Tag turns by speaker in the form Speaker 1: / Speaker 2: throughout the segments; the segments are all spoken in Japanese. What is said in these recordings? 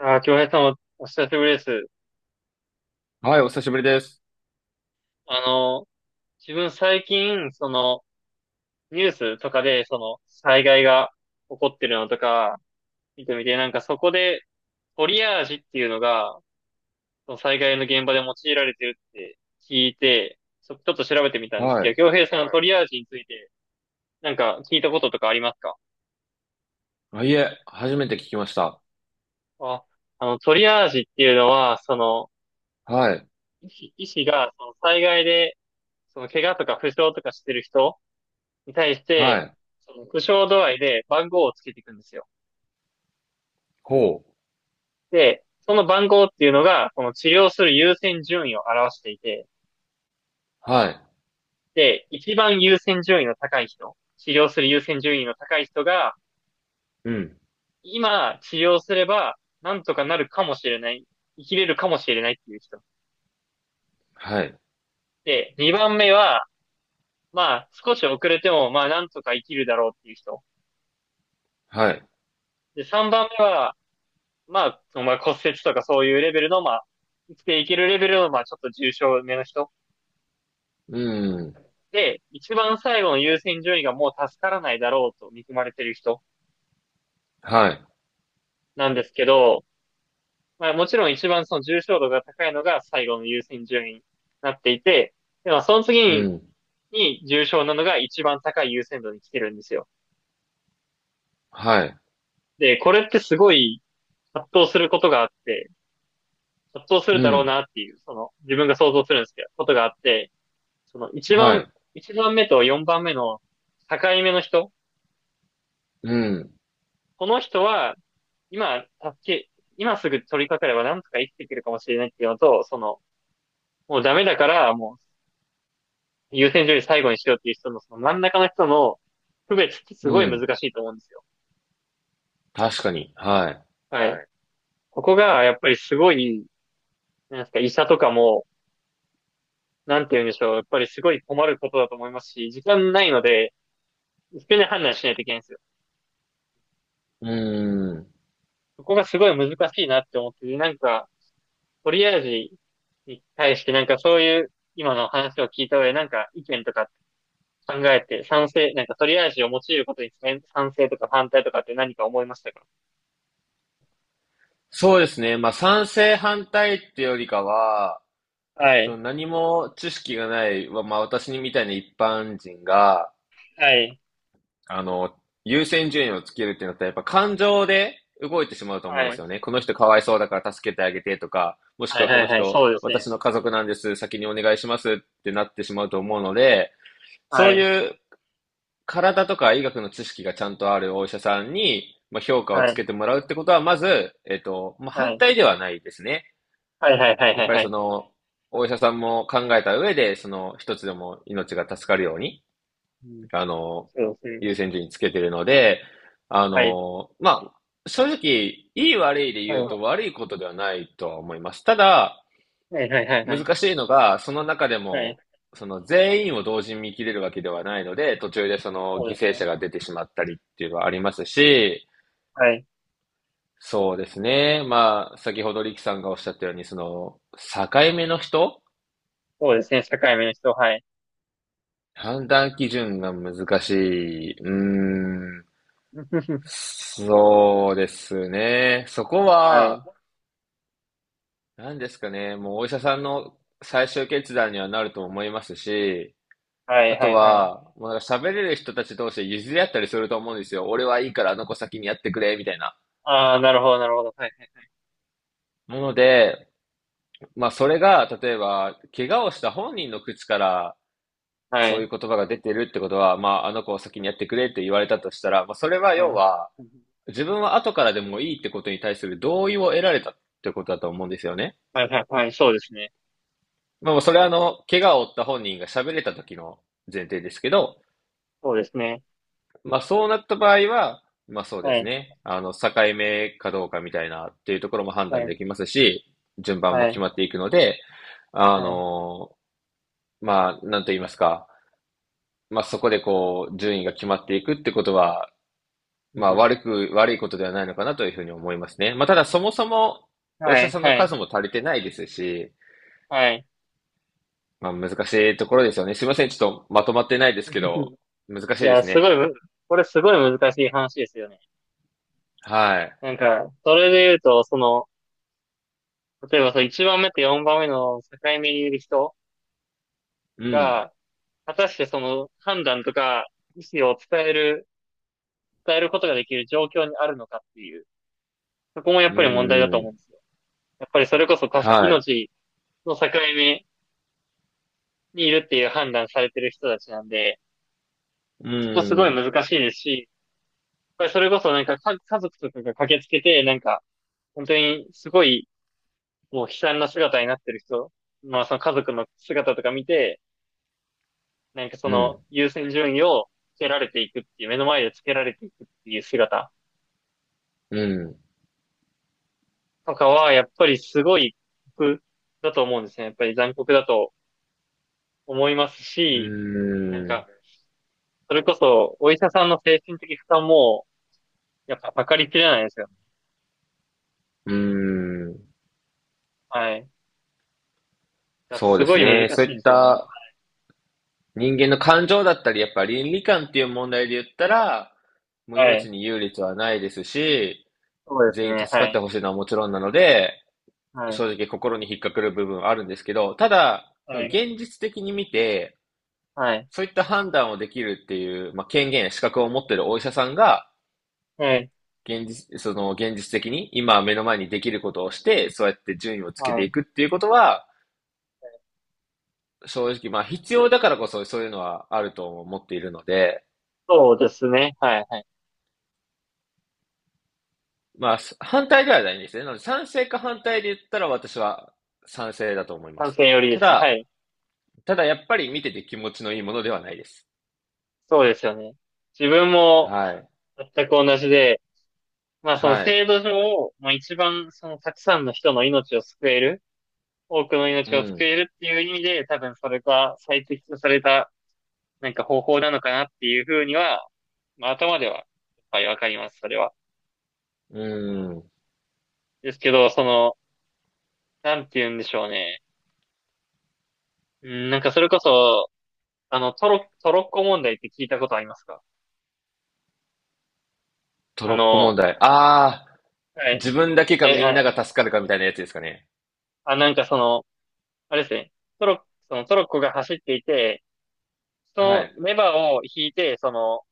Speaker 1: ああ、京平さんお久しぶりです。
Speaker 2: はい、お久しぶりです。
Speaker 1: あの、自分最近、ニュースとかで、災害が起こってるのとか、見てみて、なんかそこで、トリアージっていうのが、その災害の現場で用いられてるって聞いて、ちょっと調べてみたんです
Speaker 2: は
Speaker 1: けど、
Speaker 2: い。
Speaker 1: 京平さんのトリアージについて、なんか聞いたこととかありますか？
Speaker 2: あ、いえ、初めて聞きました。
Speaker 1: あ、トリアージっていうのは、
Speaker 2: はい。
Speaker 1: 医師が、その災害で、怪我とか負傷とかしてる人に対し
Speaker 2: は
Speaker 1: て、
Speaker 2: い。
Speaker 1: その苦笑度合いで番号をつけていくんですよ。
Speaker 2: ほう。
Speaker 1: で、その番号っていうのが、この治療する優先順位を表していて、
Speaker 2: はい。
Speaker 1: で、一番優先順位の高い人、治療する優先順位の高い人が、
Speaker 2: うん。
Speaker 1: 今治療すれば、なんとかなるかもしれない、生きれるかもしれないっていう人。
Speaker 2: はい。
Speaker 1: で、二番目は、まあ、少し遅れても、まあ、なんとか生きるだろうっていう人。
Speaker 2: はい。
Speaker 1: で、三番目は、まあ、そのまあ骨折とかそういうレベルの、まあ、生きていけるレベルの、まあ、ちょっと重症めの人。
Speaker 2: うん。
Speaker 1: で、一番最後の優先順位がもう助からないだろうと見込まれてる人
Speaker 2: はい。
Speaker 1: なんですけど、まあもちろん一番その重症度が高いのが最後の優先順位になっていて、でもその
Speaker 2: う
Speaker 1: 次
Speaker 2: ん。
Speaker 1: に重症なのが一番高い優先度に来てるんですよ。
Speaker 2: はい。
Speaker 1: で、これってすごい葛藤することがあって、葛藤する
Speaker 2: う
Speaker 1: だろう
Speaker 2: ん。
Speaker 1: なっていう、その自分が想像するんですけど、ことがあって、その
Speaker 2: はい。
Speaker 1: 一番目と四番目の境目の人、
Speaker 2: うん。
Speaker 1: この人は今、今すぐ取り掛かればなんとか生きていけるかもしれないっていうのと、その、もうダメだから、もう優先順位最後にしようっていう人の、その真ん中の人の区別ってすご
Speaker 2: う
Speaker 1: い難
Speaker 2: ん。
Speaker 1: しいと思うんですよ。
Speaker 2: 確かに。はい。
Speaker 1: はい。はい、ここが、やっぱりすごい、なんですか、医者とかも、なんて言うんでしょう、やっぱりすごい困ることだと思いますし、時間ないので、一遍で判断しないといけないんですよ。
Speaker 2: うん。
Speaker 1: そこがすごい難しいなって思って、なんか、トリアージに対してなんかそういう今の話を聞いた上でなんか意見とか考えて、なんかトりアージを用いることに賛成とか反対とかって何か思いましたか？
Speaker 2: そうですね。まあ、賛成反対ってよりかは、
Speaker 1: は
Speaker 2: その
Speaker 1: い、
Speaker 2: 何も知識がない、まあ、私にみたいな一般人が、
Speaker 1: はい、
Speaker 2: あの、優先順位をつけるってなったら、やっぱ感情で動いてしまうと思うんで
Speaker 1: は
Speaker 2: す
Speaker 1: い、
Speaker 2: よね。この人かわいそうだから助けてあげてとか、もし
Speaker 1: は
Speaker 2: く
Speaker 1: い、
Speaker 2: はこ
Speaker 1: は
Speaker 2: の
Speaker 1: い、はい、
Speaker 2: 人、
Speaker 1: そうです
Speaker 2: 私
Speaker 1: ね。
Speaker 2: の家族なんです、先にお願いしますってなってしまうと思うので、そ
Speaker 1: は
Speaker 2: う
Speaker 1: い、
Speaker 2: いう体とか医学の知識がちゃんとあるお医者さんに、まあ、評価を
Speaker 1: は
Speaker 2: つ
Speaker 1: い、
Speaker 2: けてもらうってことは、まず、まあ、
Speaker 1: は
Speaker 2: 反
Speaker 1: い、
Speaker 2: 対ではないですね。
Speaker 1: はい、はい、はい、
Speaker 2: や
Speaker 1: は
Speaker 2: っ
Speaker 1: い、
Speaker 2: ぱり
Speaker 1: は
Speaker 2: そ
Speaker 1: い、
Speaker 2: の、お医者さんも考えた上で、その一つでも命が助かるように、
Speaker 1: うん、
Speaker 2: あの、
Speaker 1: そうですね。
Speaker 2: 優先順位つけてるので、
Speaker 1: はい、
Speaker 2: まあ、正直、いい悪いで
Speaker 1: は
Speaker 2: 言
Speaker 1: い、
Speaker 2: うと悪いことではないとは思います。ただ、
Speaker 1: はい、はい、はい、はい、
Speaker 2: 難しいのが、その中で
Speaker 1: はい、
Speaker 2: も、その全員を同時に見切れるわけではないので、途中でその
Speaker 1: そう
Speaker 2: 犠
Speaker 1: です
Speaker 2: 牲
Speaker 1: ね。
Speaker 2: 者が出てしまったりっていうのはありますし、
Speaker 1: はい、
Speaker 2: そうですね。まあ、先ほどリキさんがおっしゃったように、その、境目の人
Speaker 1: そうですね。社会面の人、はい。
Speaker 2: 判断基準が難しい。うーん。そうですね。そこ
Speaker 1: はい、
Speaker 2: は、何ですかね。もうお医者さんの最終決断にはなると思いますし、
Speaker 1: は
Speaker 2: あ
Speaker 1: い、は
Speaker 2: と
Speaker 1: い、はい。
Speaker 2: は、もうなんか喋れる人たち同士で譲り合ったりすると思うんですよ。俺はいいからあの子先にやってくれ、みたいな。
Speaker 1: ああ、なるほど、なるほど。はい、
Speaker 2: なので、まあそれが、例えば、怪我をした本人の口から
Speaker 1: は
Speaker 2: そうい
Speaker 1: い、
Speaker 2: う言葉が出てるってことは、まああの子を先にやってくれって言われたとしたら、まあそれは
Speaker 1: はい、
Speaker 2: 要
Speaker 1: は
Speaker 2: は、自分は後からでもいいってことに対する同意を得られたってことだと思うんですよね。
Speaker 1: い、はい、はい、そうですね。
Speaker 2: まあそれはあの、怪我を負った本人が喋れた時の前提ですけど、
Speaker 1: そうですね。
Speaker 2: まあそうなった場合は、まあそうで
Speaker 1: は
Speaker 2: す
Speaker 1: い、
Speaker 2: ね。境目かどうかみたいなっていうところも判
Speaker 1: は
Speaker 2: 断
Speaker 1: い、
Speaker 2: できますし、順番も
Speaker 1: は
Speaker 2: 決
Speaker 1: い、
Speaker 2: まっていくので、あ
Speaker 1: はい、
Speaker 2: の、なんと言いますか、まあそこでこう、順位が決まっていくってことは、
Speaker 1: うん、
Speaker 2: 悪いことではないのかなというふうに思いますね。まあただそもそも、お医
Speaker 1: は
Speaker 2: 者
Speaker 1: い、
Speaker 2: さんの
Speaker 1: はい、
Speaker 2: 数も足りてないですし、
Speaker 1: はい。
Speaker 2: まあ難しいところですよね。すいません。ちょっとまとまってないですけど、難 し
Speaker 1: い
Speaker 2: いで
Speaker 1: や、
Speaker 2: す
Speaker 1: すご
Speaker 2: ね。
Speaker 1: いむ、これすごい難しい話ですよね。
Speaker 2: はい。
Speaker 1: なんか、それで言うと、その、例えばその1番目と4番目の境目にいる人
Speaker 2: うん。
Speaker 1: が、果たしてその判断とか意思を伝えることができる状況にあるのかっていう、そこもやっ
Speaker 2: う
Speaker 1: ぱり問題だと
Speaker 2: ん、う
Speaker 1: 思うん
Speaker 2: ん。
Speaker 1: ですよ。やっぱりそれこそ
Speaker 2: はい。
Speaker 1: 命の境目にいるっていう判断されてる人たちなんで、
Speaker 2: う
Speaker 1: そこすごい
Speaker 2: ん。
Speaker 1: 難しいですし、やっぱりそれこそなんか家族とかが駆けつけて、なんか、本当にすごいもう悲惨な姿になってる人、まあその家族の姿とか見て、なんかそ
Speaker 2: う
Speaker 1: の
Speaker 2: ん。
Speaker 1: 優先順位をつけられていくっていう、目の前でつけられていくっていう姿
Speaker 2: うん。
Speaker 1: とかは、やっぱりすごい酷だと思うんですね。やっぱり残酷だと思いますし、
Speaker 2: う
Speaker 1: なん
Speaker 2: ん。
Speaker 1: か、それこそお医者さんの精神的負担も、やっぱ測りきれないですよね。
Speaker 2: うん。
Speaker 1: はい。だから
Speaker 2: そう
Speaker 1: す
Speaker 2: で
Speaker 1: ご
Speaker 2: す
Speaker 1: い難
Speaker 2: ね。そう
Speaker 1: し
Speaker 2: い
Speaker 1: い
Speaker 2: っ
Speaker 1: ですよね。
Speaker 2: た人間の感情だったり、やっぱ倫理観っていう問題で言ったら、もう
Speaker 1: はい。
Speaker 2: 命に優劣はないですし、
Speaker 1: そうです
Speaker 2: 全員
Speaker 1: ね。
Speaker 2: 助か
Speaker 1: は
Speaker 2: って
Speaker 1: い。
Speaker 2: ほしいのはもちろんなので、
Speaker 1: はい。
Speaker 2: 正直心に引っかかる部分はあるんですけど、ただ、
Speaker 1: は
Speaker 2: その
Speaker 1: い。
Speaker 2: 現実的に見て、
Speaker 1: はい。
Speaker 2: そういった判断をできるっていう、まあ、権限や資格を持っているお医者さんが、
Speaker 1: はい。
Speaker 2: 現実、その現実的に今目の前にできることをして、そうやって順位をつけて
Speaker 1: は
Speaker 2: い
Speaker 1: い。
Speaker 2: くっていうことは、正直、まあ必要だからこそそういうのはあると思っているので、
Speaker 1: そうですね。はい。はい。
Speaker 2: まあ反対ではないんですね。なので賛成か反対で言ったら私は賛成だと思いま
Speaker 1: 観
Speaker 2: す。
Speaker 1: 戦よりで
Speaker 2: た
Speaker 1: すね。は
Speaker 2: だ、
Speaker 1: い。
Speaker 2: ただやっぱり見てて気持ちのいいものではないです。
Speaker 1: そうですよね。自分も
Speaker 2: はい。
Speaker 1: 全く同じで、まあその
Speaker 2: はい。
Speaker 1: 制度上、まあ一番そのたくさんの人の命を救える、多くの
Speaker 2: う
Speaker 1: 命を救
Speaker 2: ん。
Speaker 1: えるっていう意味で、多分それが最適とされたなんか方法なのかなっていうふうには、まあ頭では、はい、わかります、それは。
Speaker 2: うん。
Speaker 1: ですけど、その、なんて言うんでしょうね。うん、なんかそれこそ、トロッコ問題って聞いたことありますか？
Speaker 2: ト
Speaker 1: あ
Speaker 2: ロッコ問
Speaker 1: の、
Speaker 2: 題。ああ、
Speaker 1: はい。
Speaker 2: 自分だけか
Speaker 1: で、
Speaker 2: みんなが助かるかみたいなやつですかね。
Speaker 1: なんかその、あれですね。トロッコ、そのトロッコが走っていて、
Speaker 2: は
Speaker 1: そ
Speaker 2: い。
Speaker 1: のレバーを引いて、その、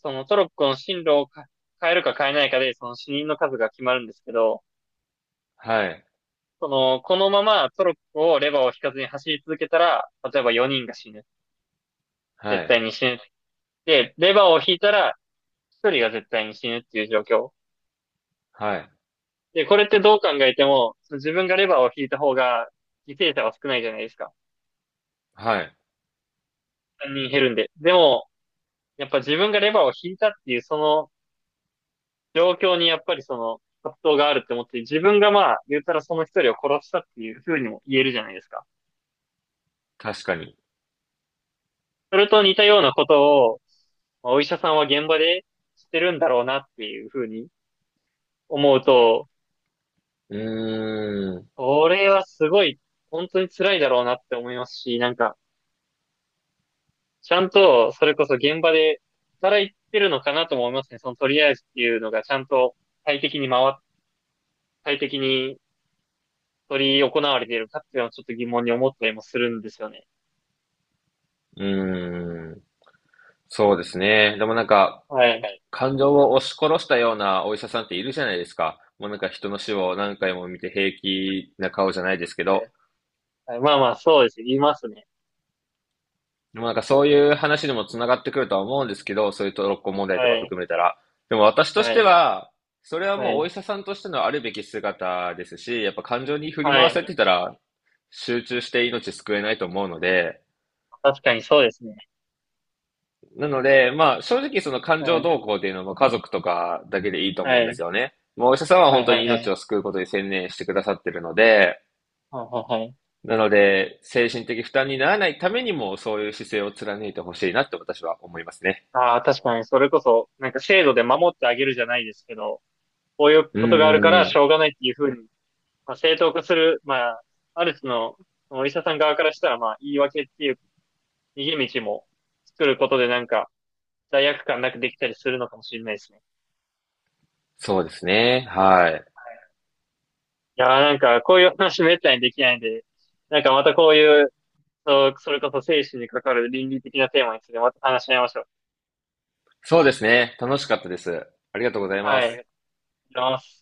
Speaker 1: そのトロッコの進路を変えるか変えないかで、その死人の数が決まるんですけど、
Speaker 2: はい。
Speaker 1: その、このままトロッコをレバーを引かずに走り続けたら、例えば4人が死ぬ。
Speaker 2: は
Speaker 1: 絶対
Speaker 2: い。
Speaker 1: に死ぬ。で、レバーを引いたら1人が絶対に死ぬっていう状況。
Speaker 2: はい。
Speaker 1: で、これってどう考えても、その自分がレバーを引いた方が犠牲者は少ないじゃないですか。
Speaker 2: はい。
Speaker 1: 3人減るんで。でも、やっぱ自分がレバーを引いたっていう、その状況にやっぱりその葛藤があるって思って、自分がまあ、言ったらその一人を殺したっていう風にも言えるじゃないですか。
Speaker 2: 確かに。
Speaker 1: それと似たようなことを、まあお医者さんは現場でしてるんだろうなっていう風に思うと、
Speaker 2: うーん。
Speaker 1: これはすごい、本当に辛いだろうなって思いますし、なんか、ちゃんと、それこそ現場で働いてるのかなとも思いますね。そのとりあえずっていうのがちゃんと快適に回っ、快適に取り行われているかっていうのはちょっと疑問に思ったりもするんですよね。
Speaker 2: うーん。そうですね。でもなんか、
Speaker 1: はいはい。
Speaker 2: 感情を押し殺したようなお医者さんっているじゃないですか。もうなんか人の死を何回も見て平気な顔じゃないですけど。
Speaker 1: はいまあまあ、そうですね。言いますね。
Speaker 2: でもなんかそういう話にもつながってくるとは思うんですけど、そういうトロッコ問題
Speaker 1: は
Speaker 2: とか
Speaker 1: い。
Speaker 2: 含めたら。でも私とし
Speaker 1: は
Speaker 2: て
Speaker 1: い。
Speaker 2: は、それは
Speaker 1: は
Speaker 2: もうお
Speaker 1: い。
Speaker 2: 医者さんとしてのあるべき姿ですし、やっぱ感情に振り
Speaker 1: は
Speaker 2: 回
Speaker 1: い。
Speaker 2: されてたら集中して命救えないと思うので、
Speaker 1: 確かにそうですね。
Speaker 2: なので、まあ、正直その感
Speaker 1: は
Speaker 2: 情
Speaker 1: い。
Speaker 2: 動向っていうのも家族とかだけでいいと思うん
Speaker 1: は
Speaker 2: です
Speaker 1: い。
Speaker 2: よね。もうお医者さんは
Speaker 1: は
Speaker 2: 本
Speaker 1: い
Speaker 2: 当
Speaker 1: はいは
Speaker 2: に
Speaker 1: い。はいは
Speaker 2: 命
Speaker 1: い
Speaker 2: を救うことに専念してくださってるので、
Speaker 1: はいはい。
Speaker 2: なので、精神的負担にならないためにも、そういう姿勢を貫いてほしいなって私は思いますね。
Speaker 1: ああ、確かに、それこそ、なんか制度で守ってあげるじゃないですけど、こういう
Speaker 2: うー
Speaker 1: ことがあるからし
Speaker 2: ん、
Speaker 1: ょうがないっていうふうに、まあ、正当化する、まあ、ある種そのお医者さん側からしたら、まあ、言い訳っていう逃げ道も作ることでなんか、罪悪感なくできたりするのかもしれないですね。
Speaker 2: そうですね。はい。
Speaker 1: いやーなんか、こういう話めったにできないんで、なんかまたこういうそう、それこそ生死にかかる倫理的なテーマについてまた話し合いましょう。
Speaker 2: そうですね。楽しかったです。ありがとうござい
Speaker 1: は
Speaker 2: ま
Speaker 1: い。ありが
Speaker 2: す。
Speaker 1: とうございます。